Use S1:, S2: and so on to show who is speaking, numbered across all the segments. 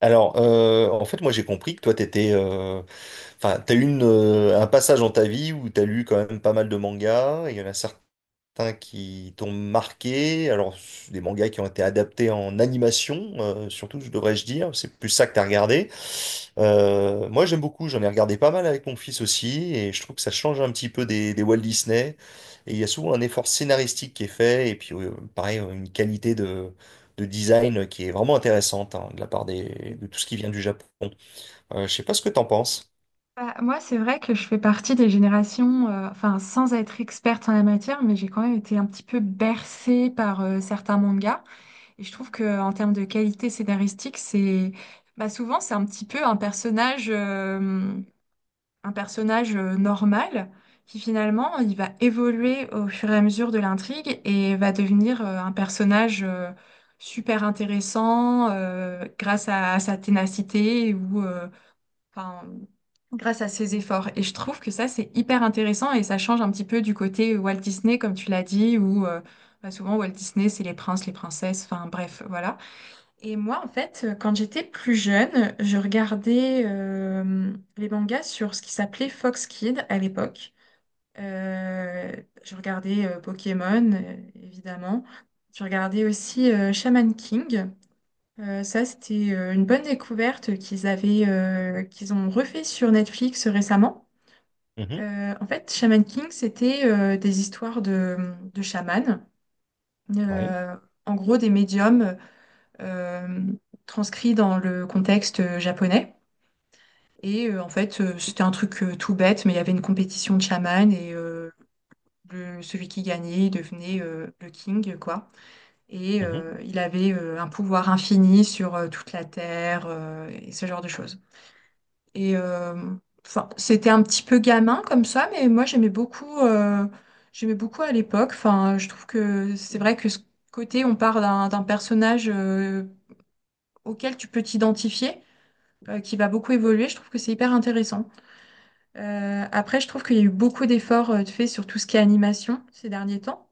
S1: En fait, moi, j'ai compris que toi, t'as eu un passage dans ta vie où t'as lu quand même pas mal de mangas, et il y en a certains qui t'ont marqué. Alors, des mangas qui ont été adaptés en animation, surtout, je devrais-je dire. C'est plus ça que t'as regardé. Moi, j'aime beaucoup. J'en ai regardé pas mal avec mon fils aussi. Et je trouve que ça change un petit peu des Walt Disney. Et il y a souvent un effort scénaristique qui est fait. Et puis, pareil, une qualité de design qui est vraiment intéressante, hein, de la part
S2: Oui.
S1: de tout ce qui vient du Japon. Je sais pas ce que t'en penses.
S2: Bah, moi, c'est vrai que je fais partie des générations, enfin, sans être experte en la matière, mais j'ai quand même été un petit peu bercée par certains mangas. Et je trouve que en termes de qualité scénaristique, c'est bah, souvent c'est un petit peu un personnage normal qui finalement il va évoluer au fur et à mesure de l'intrigue et va devenir un personnage super intéressant grâce à sa ténacité ou enfin, grâce à ses efforts. Et je trouve que ça, c'est hyper intéressant et ça change un petit peu du côté Walt Disney, comme tu l'as dit, où bah, souvent Walt Disney, c'est les princes, les princesses, enfin bref, voilà. Et moi, en fait, quand j'étais plus jeune, je regardais les mangas sur ce qui s'appelait Fox Kids à l'époque. Euh, je regardais Pokémon, évidemment. Je regardais aussi Shaman King. Ça, c'était une bonne découverte qu'ils ont refait sur Netflix récemment.
S1: Mhm.
S2: En fait, Shaman King, c'était des histoires de chamans,
S1: Oui.
S2: Euh, en gros des médiums euh, transcrits dans le contexte japonais. En fait, c'était un truc tout bête, mais il y avait une compétition de chamans et celui qui gagnait il devenait le king, quoi. Et
S1: Mhm.
S2: il avait un pouvoir infini sur toute la terre et ce genre de choses. Et euh, enfin, c'était un petit peu gamin comme ça, mais moi j'aimais beaucoup à l'époque. Enfin, je trouve que c'est vrai que ce côté, on part d'un personnage auquel tu peux t'identifier, qui va beaucoup évoluer. Je trouve que c'est hyper intéressant. Après, je trouve qu'il y a eu beaucoup d'efforts de faits sur tout ce qui est animation ces derniers temps.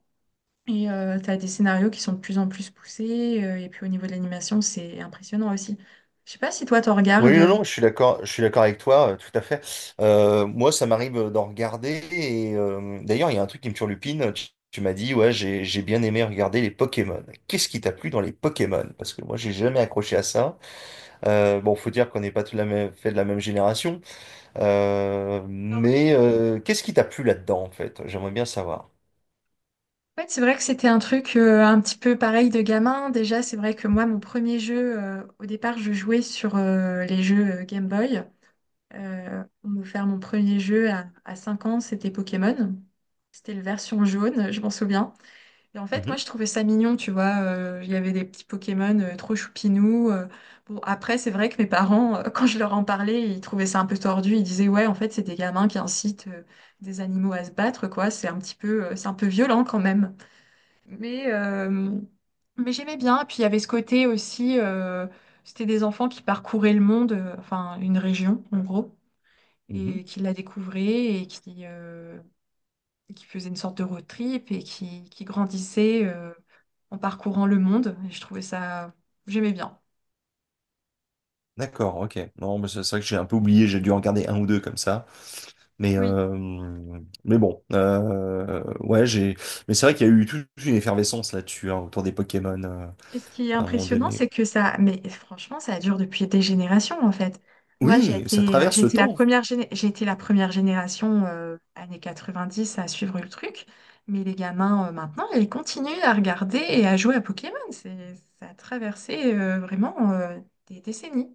S2: Et tu as des scénarios qui sont de plus en plus poussés. Et puis au niveau de l'animation, c'est impressionnant aussi. Je sais pas si toi, t'en
S1: Oui, non,
S2: regardes.
S1: non, je suis d'accord avec toi, tout à fait. Moi, ça m'arrive d'en regarder et d'ailleurs, il y a un truc qui me turlupine. Tu m'as dit, ouais, j'ai bien aimé regarder les Pokémon. Qu'est-ce qui t'a plu dans les Pokémon? Parce que moi, j'ai jamais accroché à ça. Bon, faut dire qu'on n'est pas tout la même, fait de la même génération. Mais qu'est-ce qui t'a plu là-dedans, en fait? J'aimerais bien savoir.
S2: Ouais, c'est vrai que c'était un truc un petit peu pareil de gamin. Déjà, c'est vrai que moi, mon premier jeu, au départ, je jouais sur les jeux Game Boy. On m'a offert mon premier jeu à 5 ans, c'était Pokémon. C'était la version jaune, je m'en souviens. Et en fait, moi,
S1: Mhm,
S2: je trouvais ça mignon, tu vois. Il y avait des petits Pokémon trop choupinous. Bon, après, c'est vrai que mes parents, quand je leur en parlais, ils trouvaient ça un peu tordu. Ils disaient, ouais, en fait, c'est des gamins qui incitent des animaux à se battre, quoi. C'est un petit peu, c'est un peu violent quand même. Mais, mais j'aimais bien. Puis il y avait ce côté aussi, c'était des enfants qui parcouraient le monde, enfin une région en gros,
S1: mhm.
S2: et qui la découvraient et qui faisaient une sorte de road trip et qui grandissaient en parcourant le monde. Et je trouvais ça, j'aimais bien.
S1: D'accord, ok. Non, mais c'est vrai que j'ai un peu oublié, j'ai dû en regarder un ou deux comme ça. Mais,
S2: Oui.
S1: euh, mais bon, ouais, j'ai. Mais c'est vrai qu'il y a eu toute une effervescence là-dessus, hein, autour des Pokémon,
S2: Et ce qui est
S1: à un moment
S2: impressionnant,
S1: donné.
S2: c'est que ça, mais franchement, ça dure depuis des générations en fait. Moi, j'ai
S1: Oui, ça
S2: été, euh, j'ai
S1: traverse le
S2: été la
S1: temps.
S2: première, géné- j'ai été la première génération années 10 à suivre le truc, mais les gamins maintenant, ils continuent à regarder et à jouer à Pokémon. C'est, ça a traversé vraiment des décennies.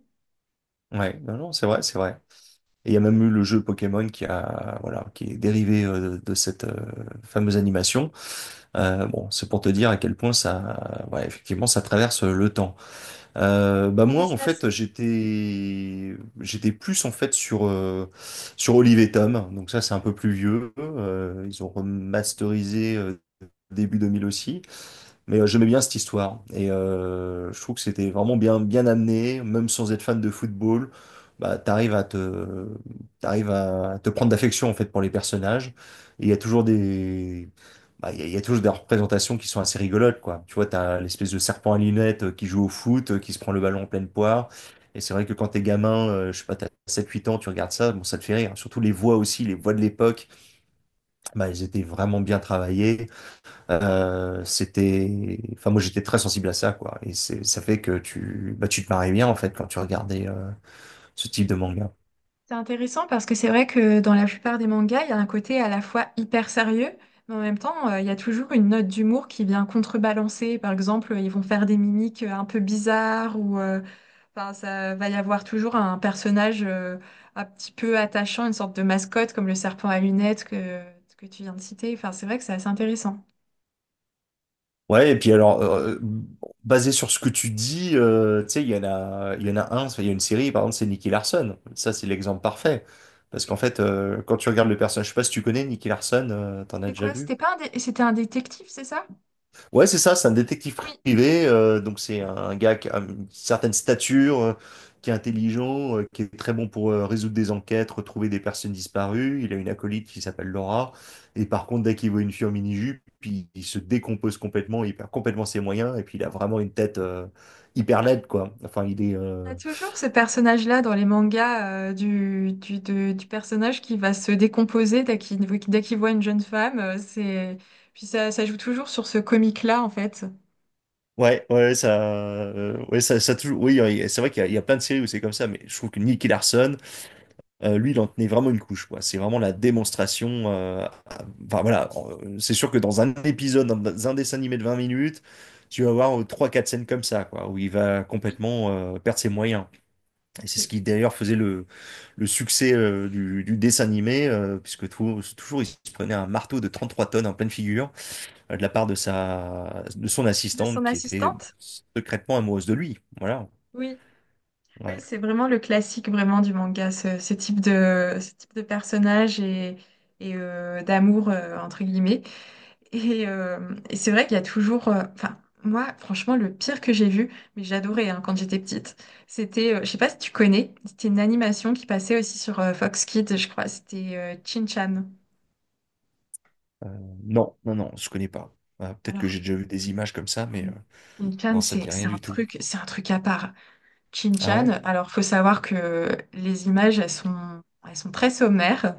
S1: Ouais, non, non, c'est vrai, c'est vrai. Et il y a même eu le jeu Pokémon qui a, voilà, qui est dérivé de cette fameuse animation. Bon, c'est pour te dire à quel point ça, ouais, effectivement, ça traverse le temps. Bah
S2: Un
S1: moi en
S2: business.
S1: fait j'étais plus en fait sur Olive et Tom, donc ça c'est un peu plus vieux. Ils ont remasterisé début 2000 aussi, mais j'aimais bien cette histoire et je trouve que c'était vraiment bien bien amené. Même sans être fan de football, bah t'arrives à te prendre d'affection en fait pour les personnages. Et il y a toujours des bah, il y a toujours des représentations qui sont assez rigolotes, quoi. Tu vois, t'as l'espèce de serpent à lunettes qui joue au foot, qui se prend le ballon en pleine poire. Et c'est vrai que quand t'es gamin, je sais pas, t'as 7 8 ans, tu regardes ça, bon, ça te fait rire. Surtout les voix aussi, les voix de l'époque, bah elles étaient vraiment bien travaillées. C'était, enfin moi j'étais très sensible à ça, quoi. Et c'est, ça fait que tu, bah tu te marrais bien en fait quand tu regardais ce type de manga.
S2: C'est intéressant parce que c'est vrai que dans la plupart des mangas, il y a un côté à la fois hyper sérieux, mais en même temps, il y a toujours une note d'humour qui vient contrebalancer. Par exemple, ils vont faire des mimiques un peu bizarres ou enfin, ça va y avoir toujours un personnage un petit peu attachant, une sorte de mascotte comme le serpent à lunettes que tu viens de citer. Enfin, c'est vrai que c'est assez intéressant.
S1: Ouais, et puis basé sur ce que tu dis, tu sais, il y en a un, enfin, il y a une série par exemple, c'est Nicky Larson. Ça c'est l'exemple parfait, parce qu'en
S2: Oui.
S1: fait quand tu regardes le personnage, je sais pas si tu connais Nicky Larson, t'en as
S2: C'est
S1: déjà
S2: quoi?
S1: vu?
S2: C'était pas un, c'était un détective, c'est ça?
S1: Ouais, c'est ça, c'est un détective
S2: Oui.
S1: privé, donc c'est un gars qui a une certaine stature, qui est intelligent, qui est très bon pour résoudre des enquêtes, retrouver des personnes disparues. Il a une acolyte qui s'appelle Laura, et par contre, dès qu'il voit une fille en mini-jupe, il se décompose complètement, il perd complètement ses moyens, et puis il a vraiment une tête hyper laide, quoi. Enfin,
S2: Il y a toujours ce personnage-là dans les mangas du personnage qui va se décomposer dès qu'il voit une jeune femme. Puis ça joue toujours sur ce comique-là, en fait.
S1: ouais, ouais, ouais, ouais, oui, c'est vrai qu'il y a plein de séries où c'est comme ça, mais je trouve que lui, il en tenait vraiment une couche, quoi. C'est vraiment la démonstration. Enfin voilà, c'est sûr que dans un épisode, dans un dessin animé de 20 minutes, tu vas avoir trois, quatre scènes comme ça, quoi, où il va complètement perdre ses moyens. Et c'est ce
S2: Oui.
S1: qui d'ailleurs faisait le succès du dessin animé, puisque toujours il se prenait un marteau de 33 tonnes en pleine figure, de la part de son
S2: De
S1: assistante
S2: son
S1: qui était, bah,
S2: assistante?
S1: secrètement amoureuse de lui. Voilà.
S2: Oui. Oui,
S1: Ouais.
S2: c'est vraiment le classique vraiment du manga, ce type de personnage et d'amour, entre guillemets. Et c'est vrai qu'il y a toujours. Enfin, moi, franchement, le pire que j'ai vu, mais j'adorais hein, quand j'étais petite, c'était. Je sais pas si tu connais, c'était une animation qui passait aussi sur Fox Kids, je crois. C'était Shin-Chan.
S1: Euh, non, non, non, je connais pas. Ah, peut-être que
S2: Alors,
S1: j'ai déjà vu des images comme ça,
S2: non,
S1: mais.
S2: mais Shin-Chan,
S1: Non, ça me
S2: c'est
S1: dit
S2: c'est
S1: rien
S2: un
S1: du tout.
S2: truc, c'est un truc à part. Chin
S1: Ah
S2: chan
S1: ouais?
S2: alors, faut savoir que les images, elles sont très sommaires.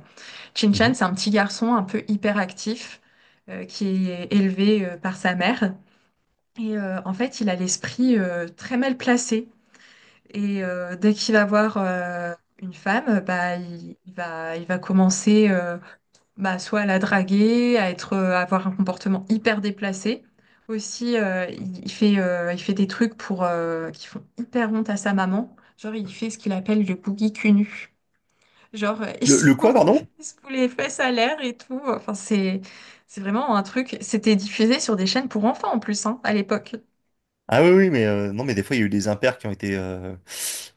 S2: Chin chan
S1: Mhm.
S2: c'est un petit garçon un peu hyperactif qui est élevé par sa mère. Et en fait, il a l'esprit très mal placé. Et dès qu'il va voir une femme, bah, il va commencer bah, soit à la draguer, à avoir un comportement hyper déplacé. Aussi, il fait des trucs qui font hyper honte à sa maman. Genre, il fait ce qu'il appelle le boogie cunu. Genre, il
S1: Le,
S2: se
S1: le quoi, pardon?
S2: il se fout les fesses à l'air et tout. Enfin, c'est vraiment un truc. C'était diffusé sur des chaînes pour enfants en plus, hein, à l'époque.
S1: Ah oui, oui, mais non, mais des fois, il y a eu des impairs qui ont été, euh,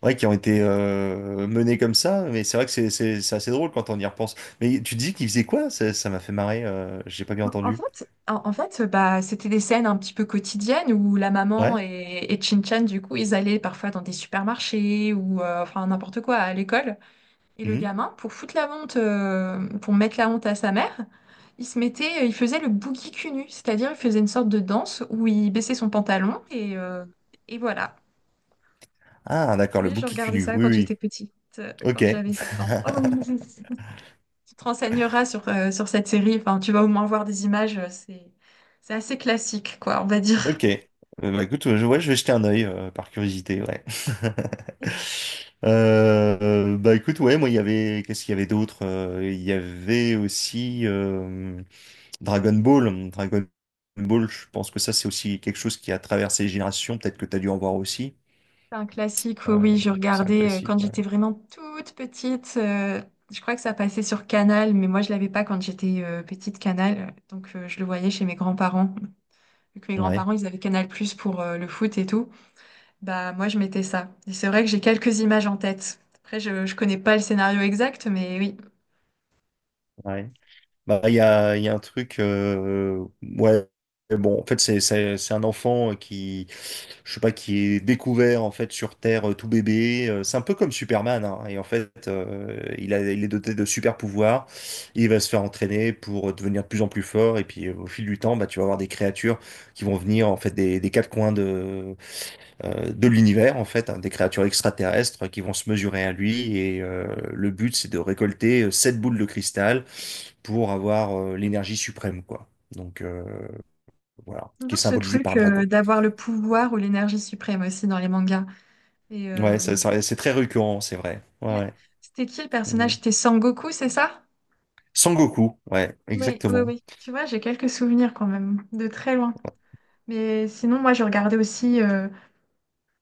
S1: ouais, qui ont été euh, menés comme ça, mais c'est vrai que c'est assez drôle quand on y repense. Mais tu dis qu'il faisait quoi? Ça m'a fait marrer, j'ai pas bien
S2: En en
S1: entendu.
S2: fait, en, en fait, bah, c'était des scènes un petit peu quotidiennes où la maman
S1: Ouais?
S2: et Chin-Chan, du coup, ils allaient parfois dans des supermarchés ou enfin n'importe quoi à l'école. Et le
S1: Mhm.
S2: gamin, pour mettre la honte à sa mère, il faisait le boogie cul nu, c'est-à-dire il faisait une sorte de danse où il baissait son pantalon et voilà.
S1: Ah, d'accord, le
S2: Oui, je
S1: bouc qui
S2: regardais
S1: cunue.
S2: ça
S1: Oui,
S2: quand j'étais
S1: oui.
S2: petite,
S1: Ok.
S2: quand j'avais 7 ans. Tu te renseigneras sur cette série, enfin, tu vas au moins voir des images, c'est assez classique, quoi, on va dire.
S1: Ok. Bah, écoute, ouais, je vais jeter un œil par curiosité, ouais. Bah écoute, ouais, moi il y avait, qu'est-ce qu'il y avait d'autre? Il y avait aussi Dragon Ball. Dragon Ball, je pense que ça c'est aussi quelque chose qui a traversé les générations. Peut-être que tu as dû en voir aussi.
S2: C'est un classique, oui,
S1: Euh,
S2: oui, je
S1: c'est un
S2: regardais
S1: classique.
S2: quand
S1: Ouais,
S2: j'étais vraiment toute petite. Je crois que ça passait sur Canal, mais moi je l'avais pas quand j'étais petite Canal, donc je le voyais chez mes grands-parents. Vu que mes
S1: ouais,
S2: grands-parents, ils avaient Canal+ Plus pour le foot et tout, bah moi je mettais ça. Et c'est vrai que j'ai quelques images en tête. Après, je connais pas le scénario exact, mais oui.
S1: ouais. Bah, il y a un truc, ouais, bon, en fait, c'est un enfant qui, je sais pas, qui est découvert, en fait, sur Terre, tout bébé. C'est un peu comme Superman, hein, et en fait, il est doté de super pouvoirs. Il va se faire entraîner pour devenir de plus en plus fort, et puis, au fil du temps, bah, tu vas avoir des créatures qui vont venir, en fait, des quatre coins de l'univers, en fait, hein, des créatures extraterrestres qui vont se mesurer à lui. Et le but, c'est de récolter sept boules de cristal pour avoir l'énergie suprême, quoi. Voilà, qui est
S2: Toujours ce
S1: symbolisé par
S2: truc
S1: un dragon.
S2: d'avoir le pouvoir ou l'énergie suprême aussi dans les mangas. Et
S1: Ouais, c'est très récurrent, c'est vrai. Ouais,
S2: ouais.
S1: ouais.
S2: C'était qui le
S1: Mhm.
S2: personnage? C'était Sangoku, c'est ça?
S1: Sangoku, ouais,
S2: Oui, oui,
S1: exactement.
S2: oui. Tu vois, j'ai quelques souvenirs quand même, de très loin. Mais sinon, moi, je regardais aussi,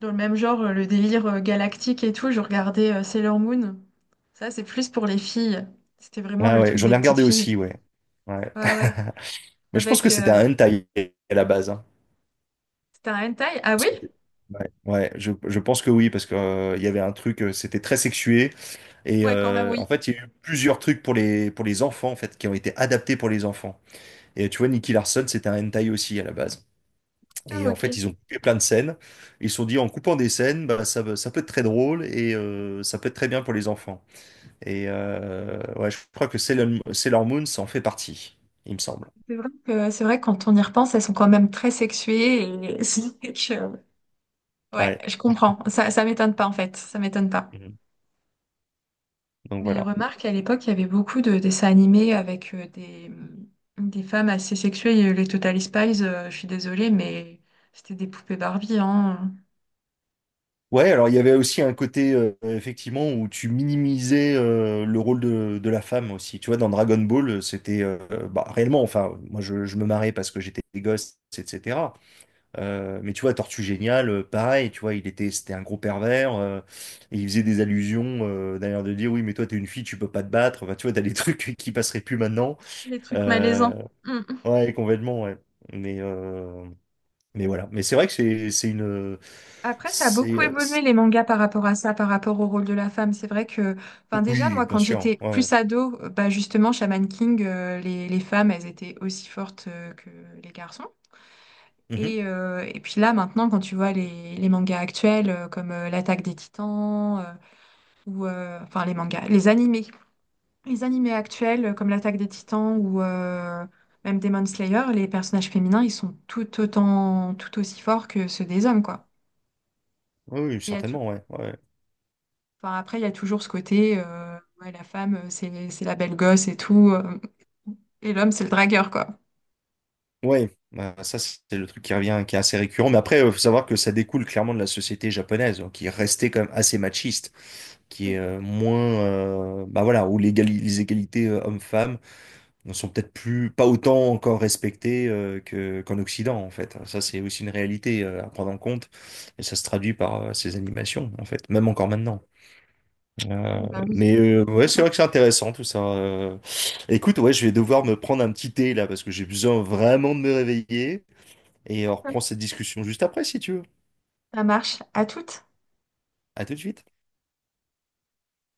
S2: dans le même genre, le délire galactique et tout. Je regardais Sailor Moon. Ça, c'est plus pour les filles. C'était vraiment
S1: Ah
S2: le
S1: ouais,
S2: truc
S1: j'en
S2: des
S1: ai
S2: petites
S1: regardé
S2: filles.
S1: aussi, ouais. Ouais.
S2: Ouais, ouais.
S1: Mais je pense que
S2: Avec.
S1: c'était un hentai à la base, hein.
S2: C'était un hentai? Ah
S1: Parce
S2: oui?
S1: que- Ouais, ouais, je pense que oui, parce que il y avait un truc, c'était très sexué. Et
S2: Ouais, quand même,
S1: en
S2: oui.
S1: fait, il y a eu plusieurs trucs pour pour les enfants, en fait, qui ont été adaptés pour les enfants. Et tu vois, Nicky Larson, c'était un hentai aussi à la base. Et
S2: Ah,
S1: en fait,
S2: ok.
S1: ils ont coupé plein de scènes. Ils se sont dit, en coupant des scènes, bah, ça peut être très drôle et ça peut être très bien pour les enfants. Et ouais, je crois que Sailor Moon, ça en fait partie, il me semble.
S2: C'est vrai que quand on y repense, elles sont quand même très sexuées. Et c'est que, ouais,
S1: Ouais.
S2: je comprends. Ça m'étonne pas, en fait. Ça m'étonne pas.
S1: Mhm. Donc
S2: Mais
S1: voilà.
S2: remarque, à l'époque, il y avait beaucoup de dessins animés avec des femmes assez sexuées. Il y a eu les Totally Spies, je suis désolée, mais c'était des poupées Barbie, hein.
S1: Ouais, alors il y avait aussi un côté, effectivement, où tu minimisais le rôle de la femme aussi. Tu vois, dans Dragon Ball, c'était bah, réellement, enfin, moi je me marrais parce que j'étais gosse, etc. Mais tu vois, Tortue Géniale, pareil, tu vois, c'était un gros pervers, et il faisait des allusions, d'ailleurs, de dire, oui, mais toi, t'es une fille, tu peux pas te battre. Enfin, tu vois, t'as des trucs qui passeraient plus maintenant.
S2: Les trucs
S1: Euh,
S2: malaisants. Mm.
S1: ouais, complètement, ouais. Mais, euh, mais voilà. Mais c'est vrai que c'est une.
S2: Après, ça a
S1: C'est,
S2: beaucoup
S1: euh,
S2: évolué les mangas par rapport à ça, par rapport au rôle de la femme. C'est vrai que, enfin, déjà,
S1: Oui,
S2: moi,
S1: bien
S2: quand
S1: sûr.
S2: j'étais
S1: Ouais, ouais.
S2: plus ado, bah, justement, Shaman King, les femmes, elles étaient aussi fortes que les garçons.
S1: Mhm.
S2: Et puis là, maintenant, quand tu vois les mangas actuels, comme L'Attaque des Titans, ou enfin les mangas, les animés. Les animés actuels comme l'Attaque des Titans ou même Demon Slayer, les personnages féminins, ils sont tout autant, tout aussi forts que ceux des hommes, quoi.
S1: Oui, oui,
S2: Mais il y a tou-
S1: certainement, ouais. Ouais.
S2: enfin, après, il y a toujours ce côté, ouais, la femme, c'est la belle gosse et tout, et l'homme, c'est le dragueur, quoi.
S1: Ouais, bah, ça, c'est le truc qui revient, qui est assez récurrent. Mais après, il faut savoir que ça découle clairement de la société japonaise, hein, qui restait quand même assez machiste, qui est
S2: Oui,
S1: moins, bah voilà, où les égalités hommes-femmes ne sont peut-être plus, pas autant encore respectées, qu'en Occident, en fait. Ça, c'est aussi une réalité à prendre en compte. Et ça se traduit par ces animations, en fait, même encore maintenant. Euh,
S2: oui, bah oui.
S1: mais ouais, c'est
S2: Forcément.
S1: vrai que c'est intéressant tout ça. Écoute, ouais, je vais devoir me prendre un petit thé là parce que j'ai besoin vraiment de me réveiller. Et on reprend
S2: D'accord.
S1: cette discussion juste après si tu veux.
S2: Ça marche. À toutes.
S1: À tout de suite.